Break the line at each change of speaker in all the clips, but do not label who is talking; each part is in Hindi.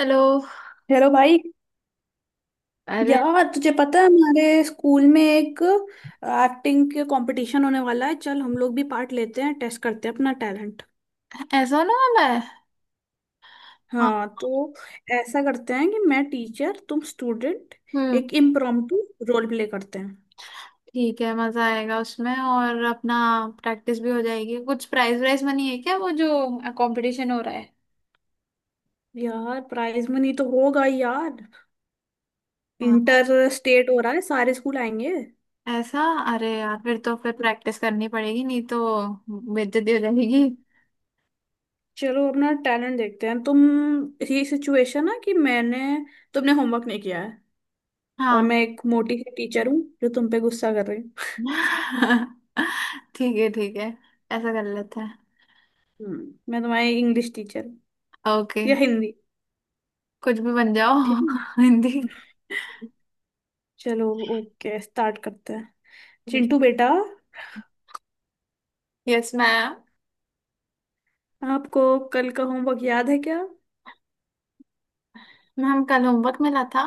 हेलो।
हेलो भाई।
अरे।
यार तुझे पता है हमारे स्कूल में एक एक्टिंग के कंपटीशन होने वाला है। चल हम लोग भी पार्ट लेते हैं, टेस्ट करते हैं अपना टैलेंट।
ऐसा ना मैं। हाँ।
हाँ, तो ऐसा करते हैं कि मैं टीचर, तुम स्टूडेंट।
हम्म।
एक इम्प्रॉम्प्टू रोल प्ले करते हैं।
ठीक है, मजा आएगा उसमें और अपना प्रैक्टिस भी हो जाएगी। कुछ प्राइज वाइज मनी है क्या वो जो कंपटीशन हो रहा है?
यार प्राइज मनी तो होगा ही यार।
हाँ।
इंटर स्टेट हो रहा है, सारे स्कूल आएंगे।
ऐसा? अरे यार, फिर तो फिर प्रैक्टिस करनी पड़ेगी, नहीं तो बेइज्जती हो जाएगी।
चलो अपना टैलेंट देखते हैं। तुम, ये सिचुएशन है कि मैंने तुमने होमवर्क नहीं किया है, और
हाँ।
मैं एक मोटी सी टीचर हूँ जो तुम पे गुस्सा कर रही।
ठीक है ठीक है, ऐसा कर लेते हैं।
हम्म, मैं तुम्हारी इंग्लिश टीचर हूँ
ओके।
या हिंदी।
कुछ भी बन जाओ।
ठीक है,
हिंदी।
चलो, ओके, स्टार्ट करते हैं। चिंटू बेटा,
यस मैम।
आपको कल का होमवर्क याद है क्या?
मैम, कल होमवर्क मिला था।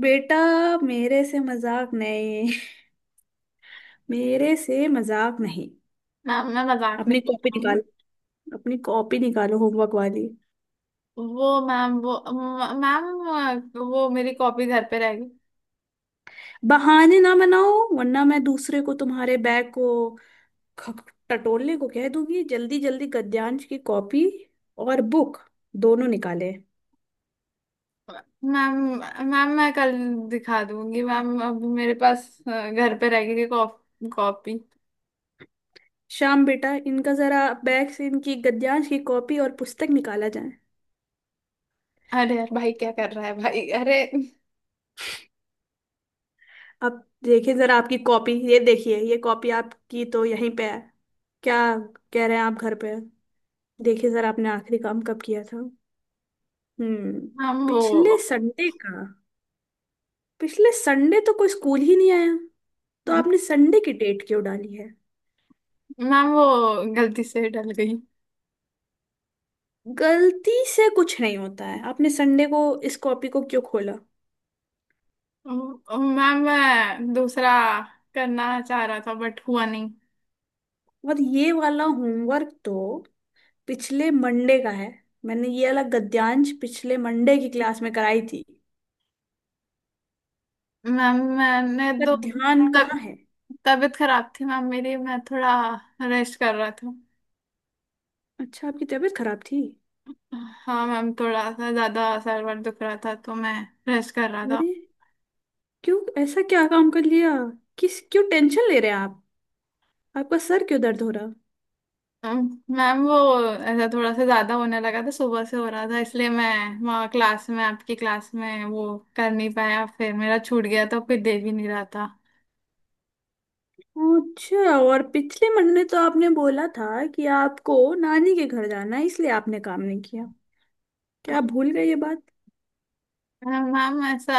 बेटा, मेरे से मजाक नहीं। मेरे से मजाक नहीं।
मैम, मैं मजाक नहीं
अपनी
कर
कॉपी
रहा हूँ।
निकालो, अपनी कॉपी निकालो होमवर्क वाली।
वो मैम, वो मैम, वो मेरी कॉपी घर पे रह गई।
बहाने ना बनाओ वरना मैं दूसरे को तुम्हारे बैग को टटोलने को कह दूंगी। जल्दी जल्दी गद्यांश की कॉपी और बुक दोनों निकाले।
मैम मैम मैं कल दिखा दूंगी मैम, अभी मेरे पास घर पे रह गई है कॉपी।
श्याम बेटा, इनका जरा बैग से इनकी गद्यांश की कॉपी और पुस्तक निकाला जाए।
अरे यार भाई, क्या कर रहा है भाई, अरे।
अब देखिए जरा आपकी कॉपी, ये देखिए, ये कॉपी आपकी तो यहीं पे है। क्या कह रहे हैं आप घर पे? देखिए जरा, आपने आखिरी काम कब किया था? हम्म,
मैम वो।
पिछले संडे का? पिछले संडे तो कोई स्कूल ही नहीं आया, तो आपने संडे की डेट क्यों डाली है?
मैम, वो गलती से डल गई।
गलती से कुछ नहीं होता है। आपने संडे को इस कॉपी को क्यों खोला?
मैम, मैं दूसरा करना चाह रहा था बट हुआ नहीं।
और ये वाला होमवर्क तो पिछले मंडे का है। मैंने ये वाला गद्यांश पिछले मंडे की क्लास में कराई थी,
मैम, मैंने तो।
पर ध्यान
तब
कहाँ है?
तबीयत खराब थी मैम मेरी, मैं थोड़ा रेस्ट कर रहा था।
अच्छा, आपकी तबीयत खराब थी?
हाँ मैम, थोड़ा सा ज्यादा सर वर दुख रहा था, तो मैं रेस्ट कर रहा था।
अरे, क्यों, ऐसा क्या काम कर लिया? किस, क्यों टेंशन ले रहे हैं आप? आपका सर क्यों दर्द हो रहा?
अम, मैम वो, ऐसा थोड़ा सा ज्यादा होने लगा था, सुबह से हो रहा था इसलिए मैं वहाँ क्लास में आपकी क्लास में वो कर नहीं पाया, फिर मेरा छूट गया तो फिर दे भी नहीं रहा था।
अच्छा, और पिछले महीने तो आपने बोला था कि आपको नानी के घर जाना है इसलिए आपने काम नहीं किया।
अ,
क्या आप भूल गए ये बात?
मैम, ऐसा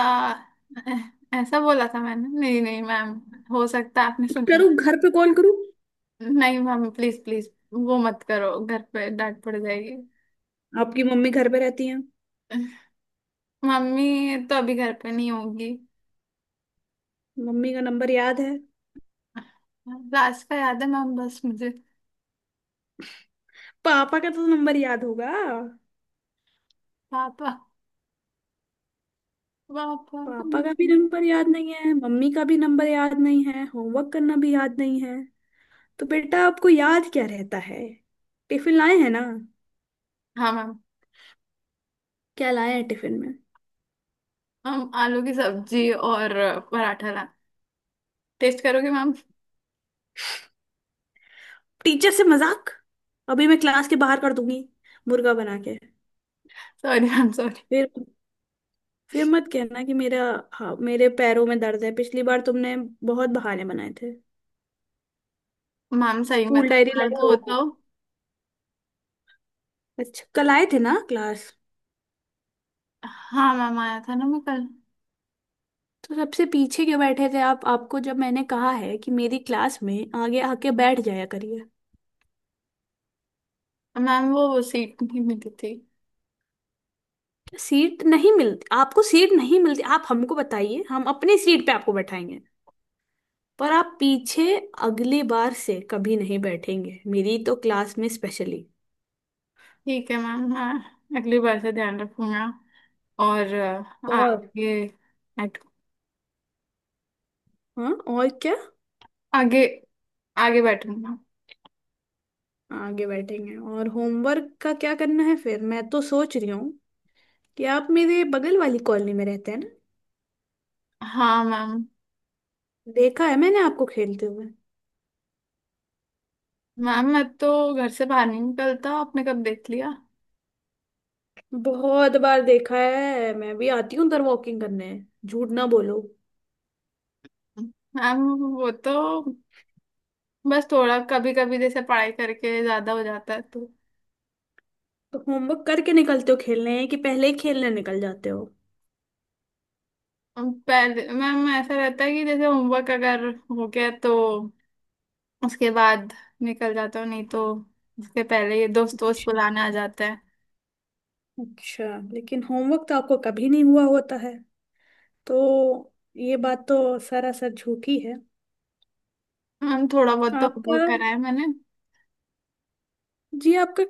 ऐ- ऐसा बोला था मैंने, नहीं नहीं मैम, हो सकता है आपने सुन लिया।
करूँ, घर पे कॉल करूँ?
नहीं मैम, प्लीज प्लीज वो मत करो, घर पे डांट पड़ जाएगी।
आपकी मम्मी घर पे रहती हैं?
मम्मी तो अभी घर पे नहीं होगी।
मम्मी का नंबर याद है?
रास्ता याद है मैम, बस मुझे।
पापा का तो नंबर याद होगा?
पापा। पापा।
पापा का भी नंबर याद नहीं है, मम्मी का भी नंबर याद नहीं है, होमवर्क करना भी याद नहीं है, तो बेटा आपको याद क्या रहता है? टिफिन लाए हैं ना?
हाँ मैम।
क्या लाए हैं टिफिन में?
हम आलू की सब्जी और पराठा ला। टेस्ट करोगे मैम?
टीचर से मजाक? अभी मैं क्लास के बाहर कर दूंगी, मुर्गा बना के।
Sorry ma'am sorry.
फिर फिर मत कहना कि मेरा, हाँ मेरे पैरों में दर्द है। पिछली बार तुमने बहुत बहाने बनाए थे।
मैम, सही में
स्कूल
था,
डायरी
दर्द
लाए
हो
हो?
तो।
अच्छा, कल आए थे ना क्लास?
हाँ मैम, आया था ना मैं कल।
तो सबसे पीछे क्यों बैठे थे आप? आपको जब मैंने कहा है कि मेरी क्लास में आगे आके बैठ जाया करिए।
मैम वो सीट नहीं मिली थी।
सीट नहीं मिलती? आपको सीट नहीं मिलती? आप हमको बताइए, हम अपनी सीट पे आपको बैठाएंगे। पर आप पीछे अगली बार से कभी नहीं बैठेंगे, मेरी तो क्लास में स्पेशली।
ठीक है मैम, मैं अगली बार से ध्यान रखूंगा और
और,
आगे।
हाँ, और क्या?
आगे आगे बैठूंगा।
आगे बैठेंगे और होमवर्क का क्या करना है? फिर मैं तो सोच रही हूँ कि आप मेरे बगल वाली कॉलोनी में रहते हैं ना।
हाँ मैम।
देखा है मैंने आपको खेलते हुए।
मैम, मैं तो घर से बाहर नहीं निकलता, आपने कब देख लिया?
बहुत बार देखा है, मैं भी आती हूँ उधर वॉकिंग करने। झूठ ना बोलो।
हम, वो तो बस थोड़ा कभी कभी जैसे पढ़ाई करके ज्यादा हो जाता है तो।
तो होमवर्क करके निकलते हो खेलने कि पहले ही खेलने निकल जाते हो?
हम, पहले मैम ऐसा रहता है कि जैसे होमवर्क अगर हो गया तो उसके बाद निकल जाता हूँ, नहीं तो उसके पहले ये दोस्त दोस्त
अच्छा,
बुलाने आ जाते हैं।
अच्छा, लेकिन होमवर्क तो आपको कभी नहीं हुआ होता है तो ये बात तो सरासर झूठी है।
मैम, थोड़ा बहुत तो
आपका,
होमवर्क करा है मैंने।
जी आपका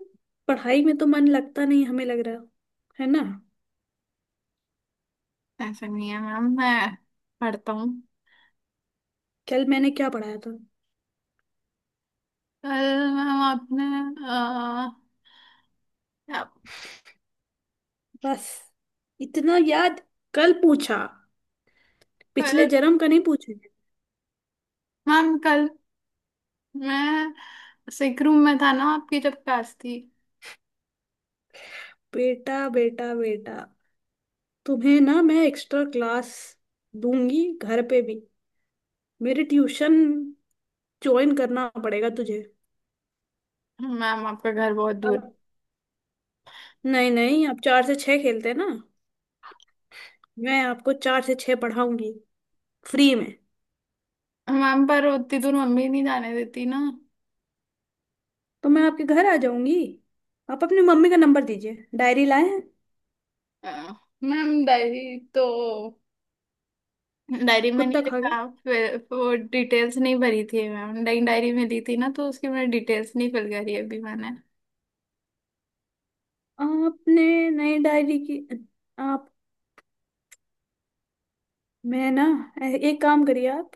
पढ़ाई में तो मन लगता नहीं, हमें लग रहा है ना?
ऐसा नहीं है मैम, मैं पढ़ता हूँ।
कल मैंने क्या पढ़ाया था?
कल मैम आपने। अ, क्या-
बस इतना याद? कल पूछा, पिछले
कल
जन्म का नहीं पूछेंगे।
मैम, कल मैं सिक रूम में था ना, आपकी जब क्लास थी।
बेटा बेटा बेटा, तुम्हें ना मैं एक्स्ट्रा क्लास दूंगी घर पे भी। मेरी ट्यूशन ज्वाइन करना पड़ेगा तुझे।
मैम, आपका घर बहुत दूर।
अब, नहीं नहीं, आप चार से छह खेलते हैं ना, मैं आपको चार से छह पढ़ाऊंगी फ्री में।
मैम, पर उतनी दूर मम्मी नहीं जाने देती ना।
तो मैं आपके घर आ जाऊंगी। आप अपनी मम्मी का नंबर दीजिए। डायरी लाए हैं?
अ, मैम, डायरी तो डायरी में
कुत्ता
नहीं
खा गया?
लिखा, फिर वो डिटेल्स नहीं भरी थी मैम, डायरी डायरी मिली थी ना तो उसकी मैंने डिटेल्स नहीं फिल करी अभी मैंने।
आपने नई डायरी की? आप, मैं ना, एक काम करिए आप,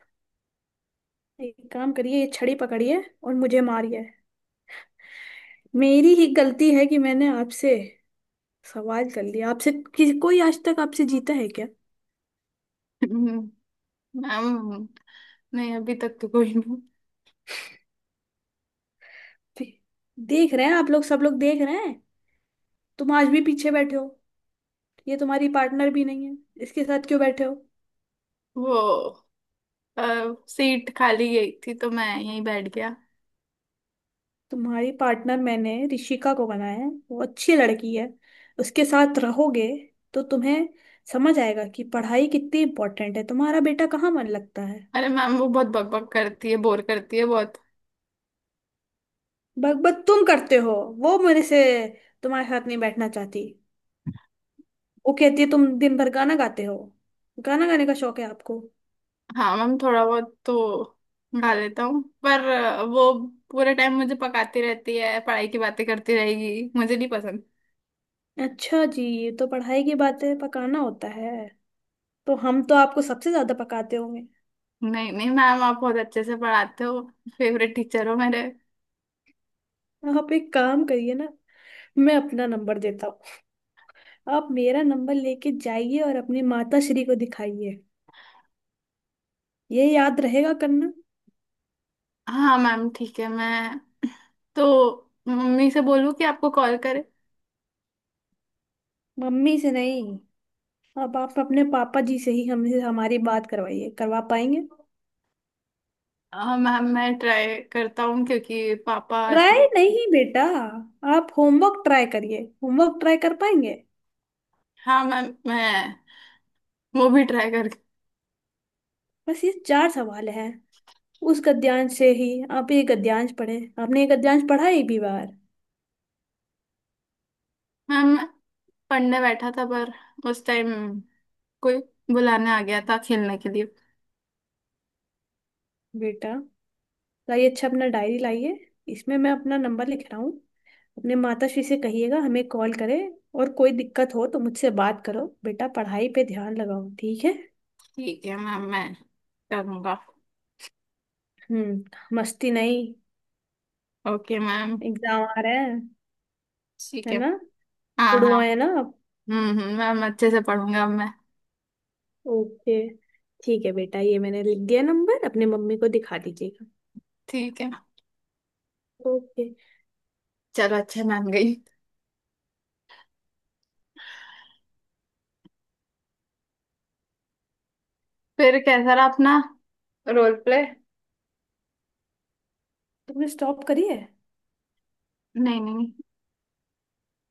एक काम करिए, ये छड़ी पकड़िए और मुझे मारिए। मेरी ही गलती है कि मैंने आपसे सवाल कर लिया। आपसे किसी, कोई आज तक आपसे जीता है क्या?
हम्म, मैम, नहीं अभी तक तो कोई नहीं।
देख रहे हैं आप लोग, सब लोग देख रहे हैं। तुम आज भी पीछे बैठे हो। ये तुम्हारी पार्टनर भी नहीं है, इसके साथ क्यों बैठे हो?
वो सीट खाली गई थी तो मैं यहीं बैठ गया।
तुम्हारी पार्टनर मैंने ऋषिका को बनाया है, वो अच्छी लड़की है। उसके साथ रहोगे तो तुम्हें समझ आएगा कि पढ़ाई कितनी इम्पोर्टेंट है। तुम्हारा बेटा कहाँ मन लगता है?
अरे मैम, वो बहुत बकबक करती है, बोर करती है बहुत।
बकबक तुम करते हो। वो मेरे से, तुम्हारे साथ नहीं बैठना चाहती। वो कहती है तुम दिन भर गाना गाते हो। गाना गाने का शौक है आपको?
हाँ मैम, थोड़ा बहुत तो गा लेता हूँ, पर वो पूरे टाइम मुझे पकाती रहती है, पढ़ाई की बातें करती रहेगी, मुझे नहीं पसंद।
अच्छा जी, ये तो पढ़ाई की बातें पकाना होता है, तो हम तो आपको सबसे ज्यादा पकाते होंगे।
नहीं नहीं मैम, आप बहुत अच्छे से पढ़ाते हो, फेवरेट टीचर हो मेरे।
आप एक काम करिए ना, मैं अपना नंबर देता हूँ। आप मेरा नंबर लेके जाइए और अपनी माता श्री को दिखाइए। ये याद रहेगा करना?
हाँ मैम, ठीक है, मैं तो मम्मी से बोलूँ कि आपको कॉल करे?
मम्मी से नहीं, अब आप अपने पापा जी से ही हमसे हमारी बात करवाइए, करवा पाएंगे?
हाँ मैम, मैं ट्राई करता हूँ क्योंकि पापा ऐसे।
ट्राई नहीं बेटा, आप होमवर्क ट्राई करिए, होमवर्क ट्राई कर पाएंगे?
हाँ मैम, मैं वो भी ट्राई करके।
बस ये चार सवाल हैं उस गद्यांश से ही। आप ये गद्यांश पढ़े? आपने ये गद्यांश पढ़ा एक भी बार?
मैम, मैं पढ़ने बैठा था पर उस टाइम कोई बुलाने आ गया था खेलने के लिए।
बेटा, लाइए, अच्छा अपना डायरी लाइए, इसमें मैं अपना नंबर लिख रहा हूँ। अपने माता श्री से कहिएगा हमें कॉल करें। और कोई दिक्कत हो तो मुझसे बात करो बेटा। पढ़ाई पे ध्यान लगाओ, ठीक है?
ठीक है मैम, मैं करूँगा।
हम्म, मस्ती नहीं,
ओके मैम।
एग्जाम आ रहे हैं,
ठीक
है
है।
ना?
हाँ हाँ।
गुड़ुआ है ना आप?
मैम, अच्छे से पढ़ूंगा अब मैं।
ओके, ठीक है बेटा, ये मैंने लिख दिया नंबर, अपने मम्मी को दिखा दीजिएगा।
ठीक है।
ओके,
चलो, अच्छा, मान गई। फिर कैसा रहा अपना रोल प्ले?
तुमने स्टॉप करी है?
नहीं नहीं।